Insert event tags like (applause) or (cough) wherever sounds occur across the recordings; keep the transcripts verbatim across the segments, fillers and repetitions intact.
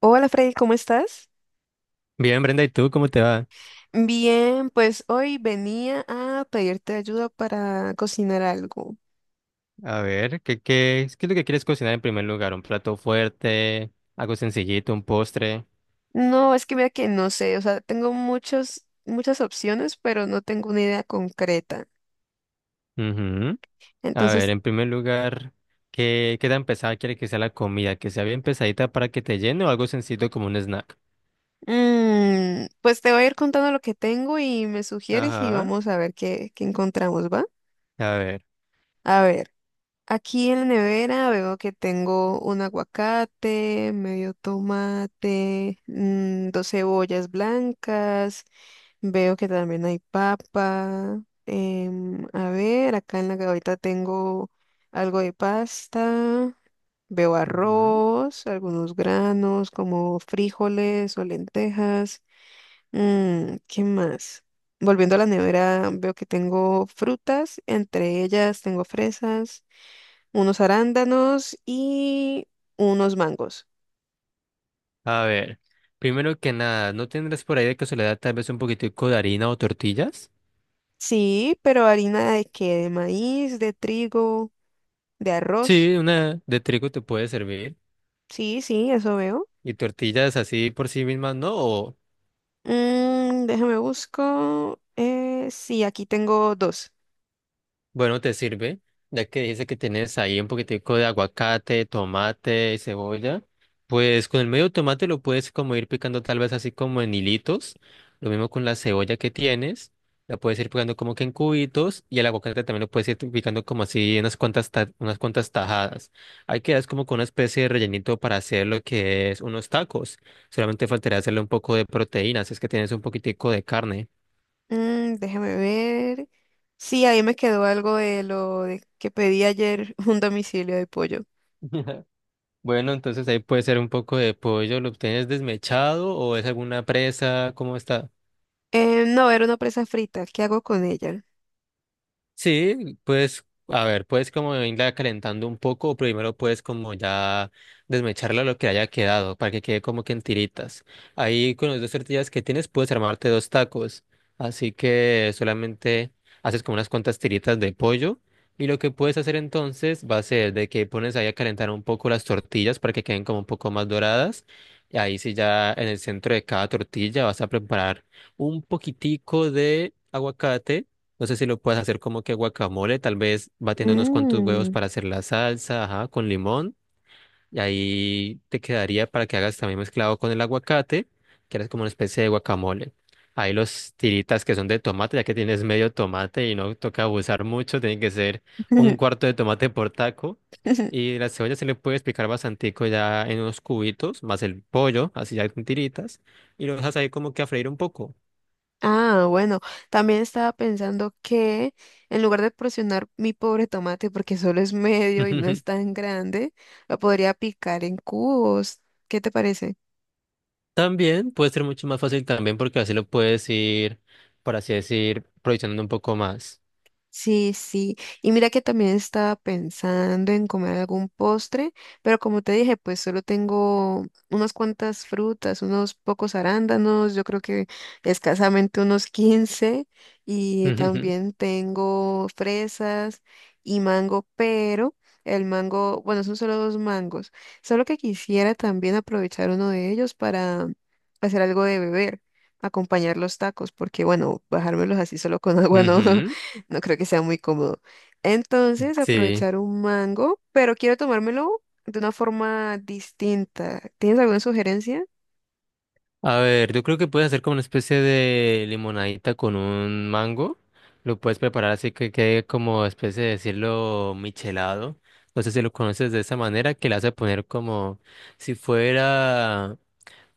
Hola Freddy, ¿cómo estás? Bien, Brenda, ¿y tú cómo te va? Bien, pues hoy venía a pedirte ayuda para cocinar algo. A ver, ¿qué, qué, es- ¿qué es lo que quieres cocinar en primer lugar? ¿Un plato fuerte? ¿Algo sencillito? ¿Un postre? No, es que mira que no sé, o sea, tengo muchos, muchas opciones, pero no tengo una idea concreta. Ujú. A ver, Entonces, en primer lugar, ¿qué, qué tan pesada quiere que sea la comida? ¿Que sea bien pesadita para que te llene o algo sencillo como un snack? mm, pues te voy a ir contando lo que tengo y me sugieres y Ajá, vamos a ver qué, qué encontramos, ¿va? a ver. A ver, aquí en la nevera veo que tengo un aguacate, medio tomate, mm, dos cebollas blancas. Veo que también hay papa. Em, a ver, acá en la gaveta tengo algo de pasta. Veo Ujú. arroz, algunos granos como frijoles o lentejas. Mm, ¿qué más? Volviendo a la nevera, veo que tengo frutas. Entre ellas tengo fresas, unos arándanos y unos mangos. A ver, primero que nada, ¿no tendrás por ahí de casualidad tal vez un poquitico de harina o tortillas? Sí, pero ¿harina de qué? ¿De maíz, de trigo, de arroz? Sí, una de trigo te puede servir. Sí, sí, eso veo. ¿Y tortillas así por sí mismas no? ¿O Mm, déjame busco. Eh, sí, aquí tengo dos. bueno, te sirve, ya que dice que tienes ahí un poquitico de aguacate, tomate y cebolla. Pues con el medio tomate lo puedes como ir picando tal vez así como en hilitos. Lo mismo con la cebolla que tienes. La puedes ir picando como que en cubitos y el aguacate también lo puedes ir picando como así en unas cuantas, ta- unas cuantas tajadas. Ahí quedas como con una especie de rellenito para hacer lo que es unos tacos. Solamente faltaría hacerle un poco de proteína, si es que tienes un poquitico de carne. Mm, déjame ver. Sí, ahí me quedó algo de lo de que pedí ayer, (laughs) un domicilio de pollo. (laughs) Bueno, entonces ahí puede ser un poco de pollo, ¿lo obtienes desmechado o es alguna presa? ¿Cómo está? Eh, no, era una presa frita. ¿Qué hago con ella? Sí, pues, a ver, puedes como irla calentando un poco, o primero puedes como ya desmecharla lo que haya quedado, para que quede como que en tiritas. Ahí con las dos tortillas que tienes puedes armarte dos tacos, así que solamente haces como unas cuantas tiritas de pollo, y lo que puedes hacer entonces va a ser de que pones ahí a calentar un poco las tortillas para que queden como un poco más doradas, y ahí sí ya en el centro de cada tortilla vas a preparar un poquitico de aguacate. No sé si lo puedes hacer como que guacamole, tal vez batiendo unos cuantos huevos Mm. para hacer la salsa, ajá, con limón. Y ahí te quedaría para que hagas también mezclado con el aguacate, que eres como una especie de guacamole. Ahí los tiritas que son de tomate, ya que tienes medio tomate y no toca abusar mucho, tiene que ser un (laughs) cuarto de tomate por taco. Y la cebolla se le puede picar bastantico ya en unos cubitos, más el pollo, así ya con tiritas. Y lo dejas ahí como que a freír un poco. Ah, bueno, también estaba pensando que en lugar de porcionar mi pobre tomate, porque solo es medio y no es (laughs) tan grande, lo podría picar en cubos. ¿Qué te parece? También puede ser mucho más fácil también porque así lo puedes ir, por así decir, proyectando un poco más. Sí, sí. Y mira que también estaba pensando en comer algún postre, pero como te dije, pues solo tengo unas cuantas frutas, unos pocos arándanos, yo creo que escasamente unos (laughs) quince, y (laughs) también tengo fresas y mango, pero el mango, bueno, son solo dos mangos, solo que quisiera también aprovechar uno de ellos para hacer algo de beber, acompañar los tacos, porque bueno, bajármelos así solo con Ujú, agua no. (laughs) ujú. No creo que sea muy cómodo. Entonces, Sí. aprovechar un mango, pero quiero tomármelo de una forma distinta. ¿Tienes alguna sugerencia? A ver, yo creo que puedes hacer como una especie de limonadita con un mango. Lo puedes preparar así que quede como especie de decirlo michelado. No sé si lo conoces de esa manera, que le hace poner como si fuera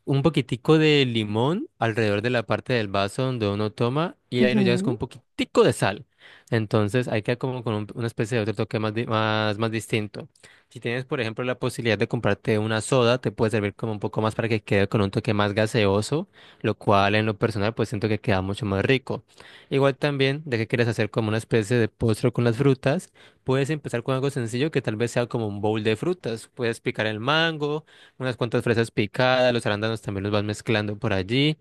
un poquitico de limón alrededor de la parte del vaso donde uno toma y ahí lo llevas con un poquitico de sal. Entonces ahí queda como con un- una especie de otro toque más, di- más, más distinto. Si tienes, por ejemplo, la posibilidad de comprarte una soda, te puede servir como un poco más para que quede con un toque más gaseoso, lo cual en lo personal pues siento que queda mucho más rico. Igual también, de que quieres hacer como una especie de postre con las frutas, puedes empezar con algo sencillo que tal vez sea como un bowl de frutas. Puedes picar el mango, unas cuantas fresas picadas, los arándanos también los vas mezclando por allí.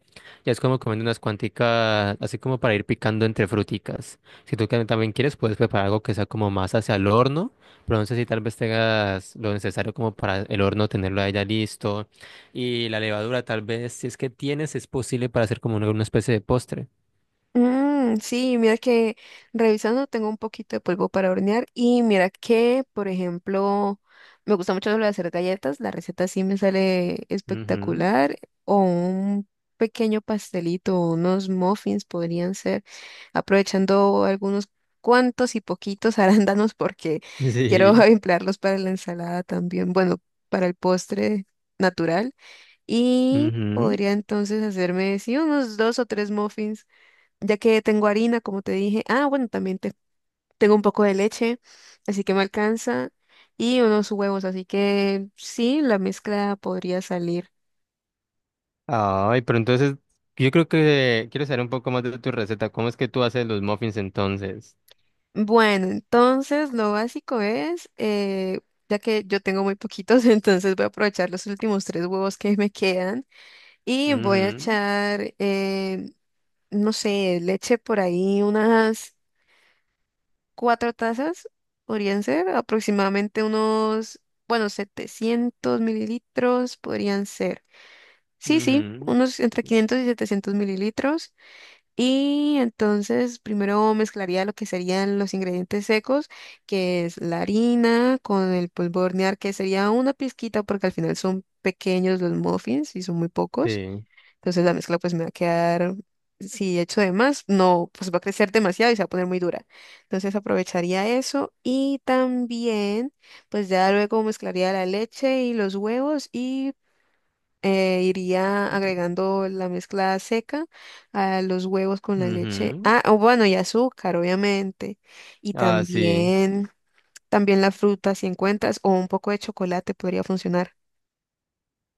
Ya es como comiendo unas cuanticas, así como para ir picando entre fruticas. Si tú que- también quieres, puedes preparar algo que sea como más hacia el horno, pero no sé si tal vez tengas lo necesario como para el horno tenerlo ahí ya listo. Y la levadura tal vez, si es que tienes, es posible para hacer como una, una especie de postre. Mm, sí, mira que revisando tengo un poquito de polvo para hornear y mira que, por ejemplo, me gusta mucho lo de hacer galletas, la receta sí me sale Ujú. espectacular o un pequeño pastelito, unos muffins podrían ser, aprovechando algunos cuantos y poquitos (laughs) arándanos porque quiero (laughs) Sí. emplearlos para la ensalada también, bueno, para el postre natural y Ujú. podría entonces hacerme, sí, unos dos o tres muffins ya que tengo harina, como te dije. Ah, bueno, también te- tengo un poco de leche, así que me alcanza. Y unos huevos, así que sí, la mezcla podría salir. Ay, pero entonces yo creo que quiero saber un poco más de tu receta. ¿Cómo es que tú haces los muffins entonces? Bueno, entonces lo básico es, eh, ya que yo tengo muy poquitos, (laughs) entonces voy a aprovechar los últimos tres huevos que me quedan y voy a Ujú, echar, eh, no sé, leche por ahí, unas cuatro tazas podrían ser aproximadamente unos, bueno, setecientos mililitros podrían ser. Sí, sí, ujú, unos entre quinientos y setecientos mililitros. Y entonces primero mezclaría lo que serían los ingredientes secos, que es la harina con el polvo de hornear, que sería una pizquita porque al final son pequeños los muffins y son muy pocos. sí, Entonces la mezcla pues me va a quedar, si echo de más, no, pues va a crecer demasiado y se va a poner muy dura. Entonces aprovecharía eso y también pues ya luego mezclaría la leche y los huevos y eh, iría agregando la mezcla seca a los huevos con la leche. ujú, Ah, o bueno, y azúcar, obviamente. Y ah, sí. también, también la fruta si encuentras o un poco de chocolate podría funcionar.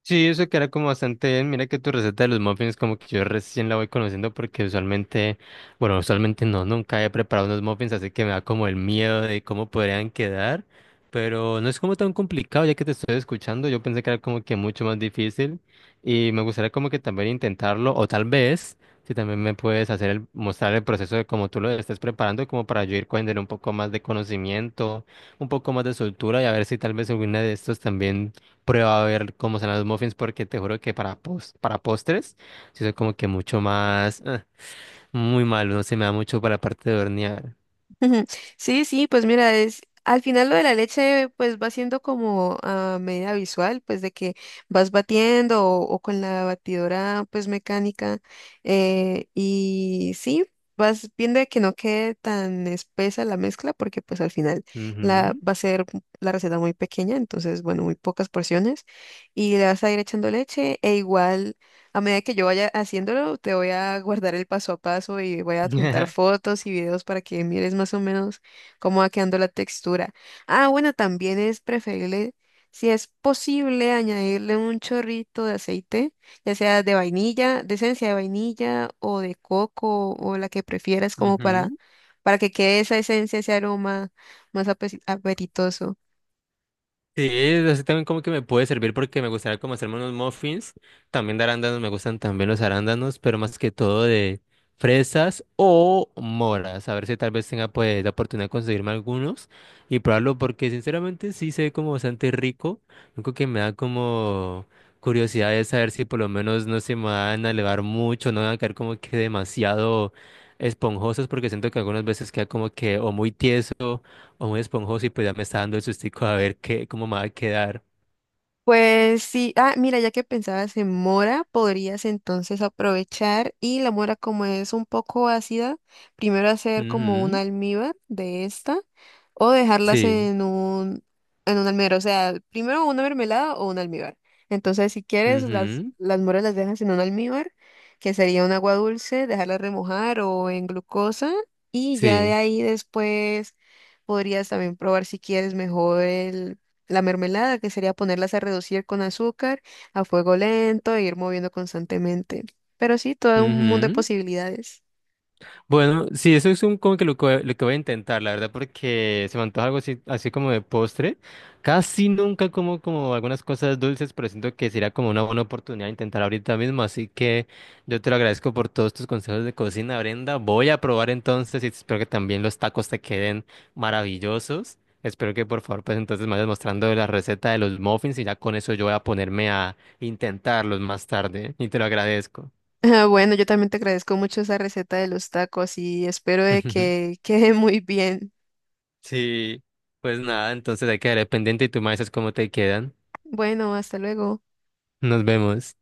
Sí, eso queda como bastante bien. Mira que tu receta de los muffins como que yo recién la voy conociendo porque usualmente, bueno, usualmente no, nunca he preparado unos muffins, así que me da como el miedo de cómo podrían quedar, pero no es como tan complicado ya que te estoy escuchando. Yo pensé que era como que mucho más difícil y me gustaría como que también intentarlo o tal vez si también me puedes hacer el, mostrar el proceso de cómo tú lo estés preparando como para yo ir cogiendo un poco más de conocimiento, un poco más de soltura y a ver si tal vez alguna de estos también prueba a ver cómo son los muffins, porque te juro que para, pos- para postres, sí soy como que mucho más, ah, muy malo, no se me da mucho para la parte de hornear. Ujú. Sí, sí, pues mira, es al final lo de la leche pues va siendo como a medida visual, pues de que vas batiendo o, o con la batidora pues mecánica eh, y sí, vas viendo de que no quede tan espesa la mezcla porque pues al final la Ujú. va a ser la receta muy pequeña, entonces bueno, muy pocas porciones y le vas a ir echando leche e igual a medida que yo vaya haciéndolo, te voy a guardar el paso a paso y voy a adjuntar (laughs) fotos y videos para que mires más o menos cómo va quedando la textura. Ah, bueno, también es preferible, si es posible, añadirle un chorrito de aceite, ya sea de vainilla, de esencia de vainilla o de coco o la que prefieras, como para, Ujú. para que quede esa esencia, ese aroma más ape- apetitoso. Sí, así también como que me puede servir porque me gustaría como hacerme unos muffins, también de arándanos, me gustan también los arándanos, pero más que todo de fresas o moras, a ver si tal vez tenga pues la oportunidad de conseguirme algunos y probarlo porque sinceramente sí se ve como bastante rico, lo único que me da como curiosidad es saber si por lo menos no se me van a elevar mucho, no van a quedar como que demasiado esponjosos porque siento que algunas veces queda como que o muy tieso o muy esponjoso y pues ya me está dando el sustico a ver qué, cómo me va a quedar. Pues sí, ah, mira, ya que pensabas en mora, podrías entonces aprovechar y la mora como es un poco ácida, primero hacer como un Ujú, almíbar de esta o dejarlas sí, en un en un almíbar, o sea, primero una mermelada o un almíbar. Entonces, si quieres, las ujú, las moras las dejas en un almíbar, que sería un agua dulce, dejarlas remojar o en glucosa y ya de sí, ahí después podrías también probar si quieres mejor el la mermelada, que sería ponerlas a reducir con azúcar a fuego lento e ir moviendo constantemente. Pero sí, todo un mundo de ujú. posibilidades. (laughs) Bueno, sí, eso es un, como que lo, que lo que voy a intentar, la verdad, porque se me antoja algo así, así como de postre. Casi nunca como, como algunas cosas dulces, pero siento que sería como una buena oportunidad de intentar ahorita mismo. Así que yo te lo agradezco por todos tus consejos de cocina, Brenda. Voy a probar entonces y espero que también los tacos te queden maravillosos. Espero que por favor, pues entonces me vayas mostrando la receta de los muffins y ya con eso yo voy a ponerme a intentarlos más tarde, ¿eh? Y te lo agradezco. Ah, bueno, yo también te agradezco mucho esa receta de los tacos y espero de (laughs) que quede muy bien. Sí, pues nada, entonces hay que quedar pendiente y tú me dices cómo te quedan. Bueno, hasta luego. Nos vemos.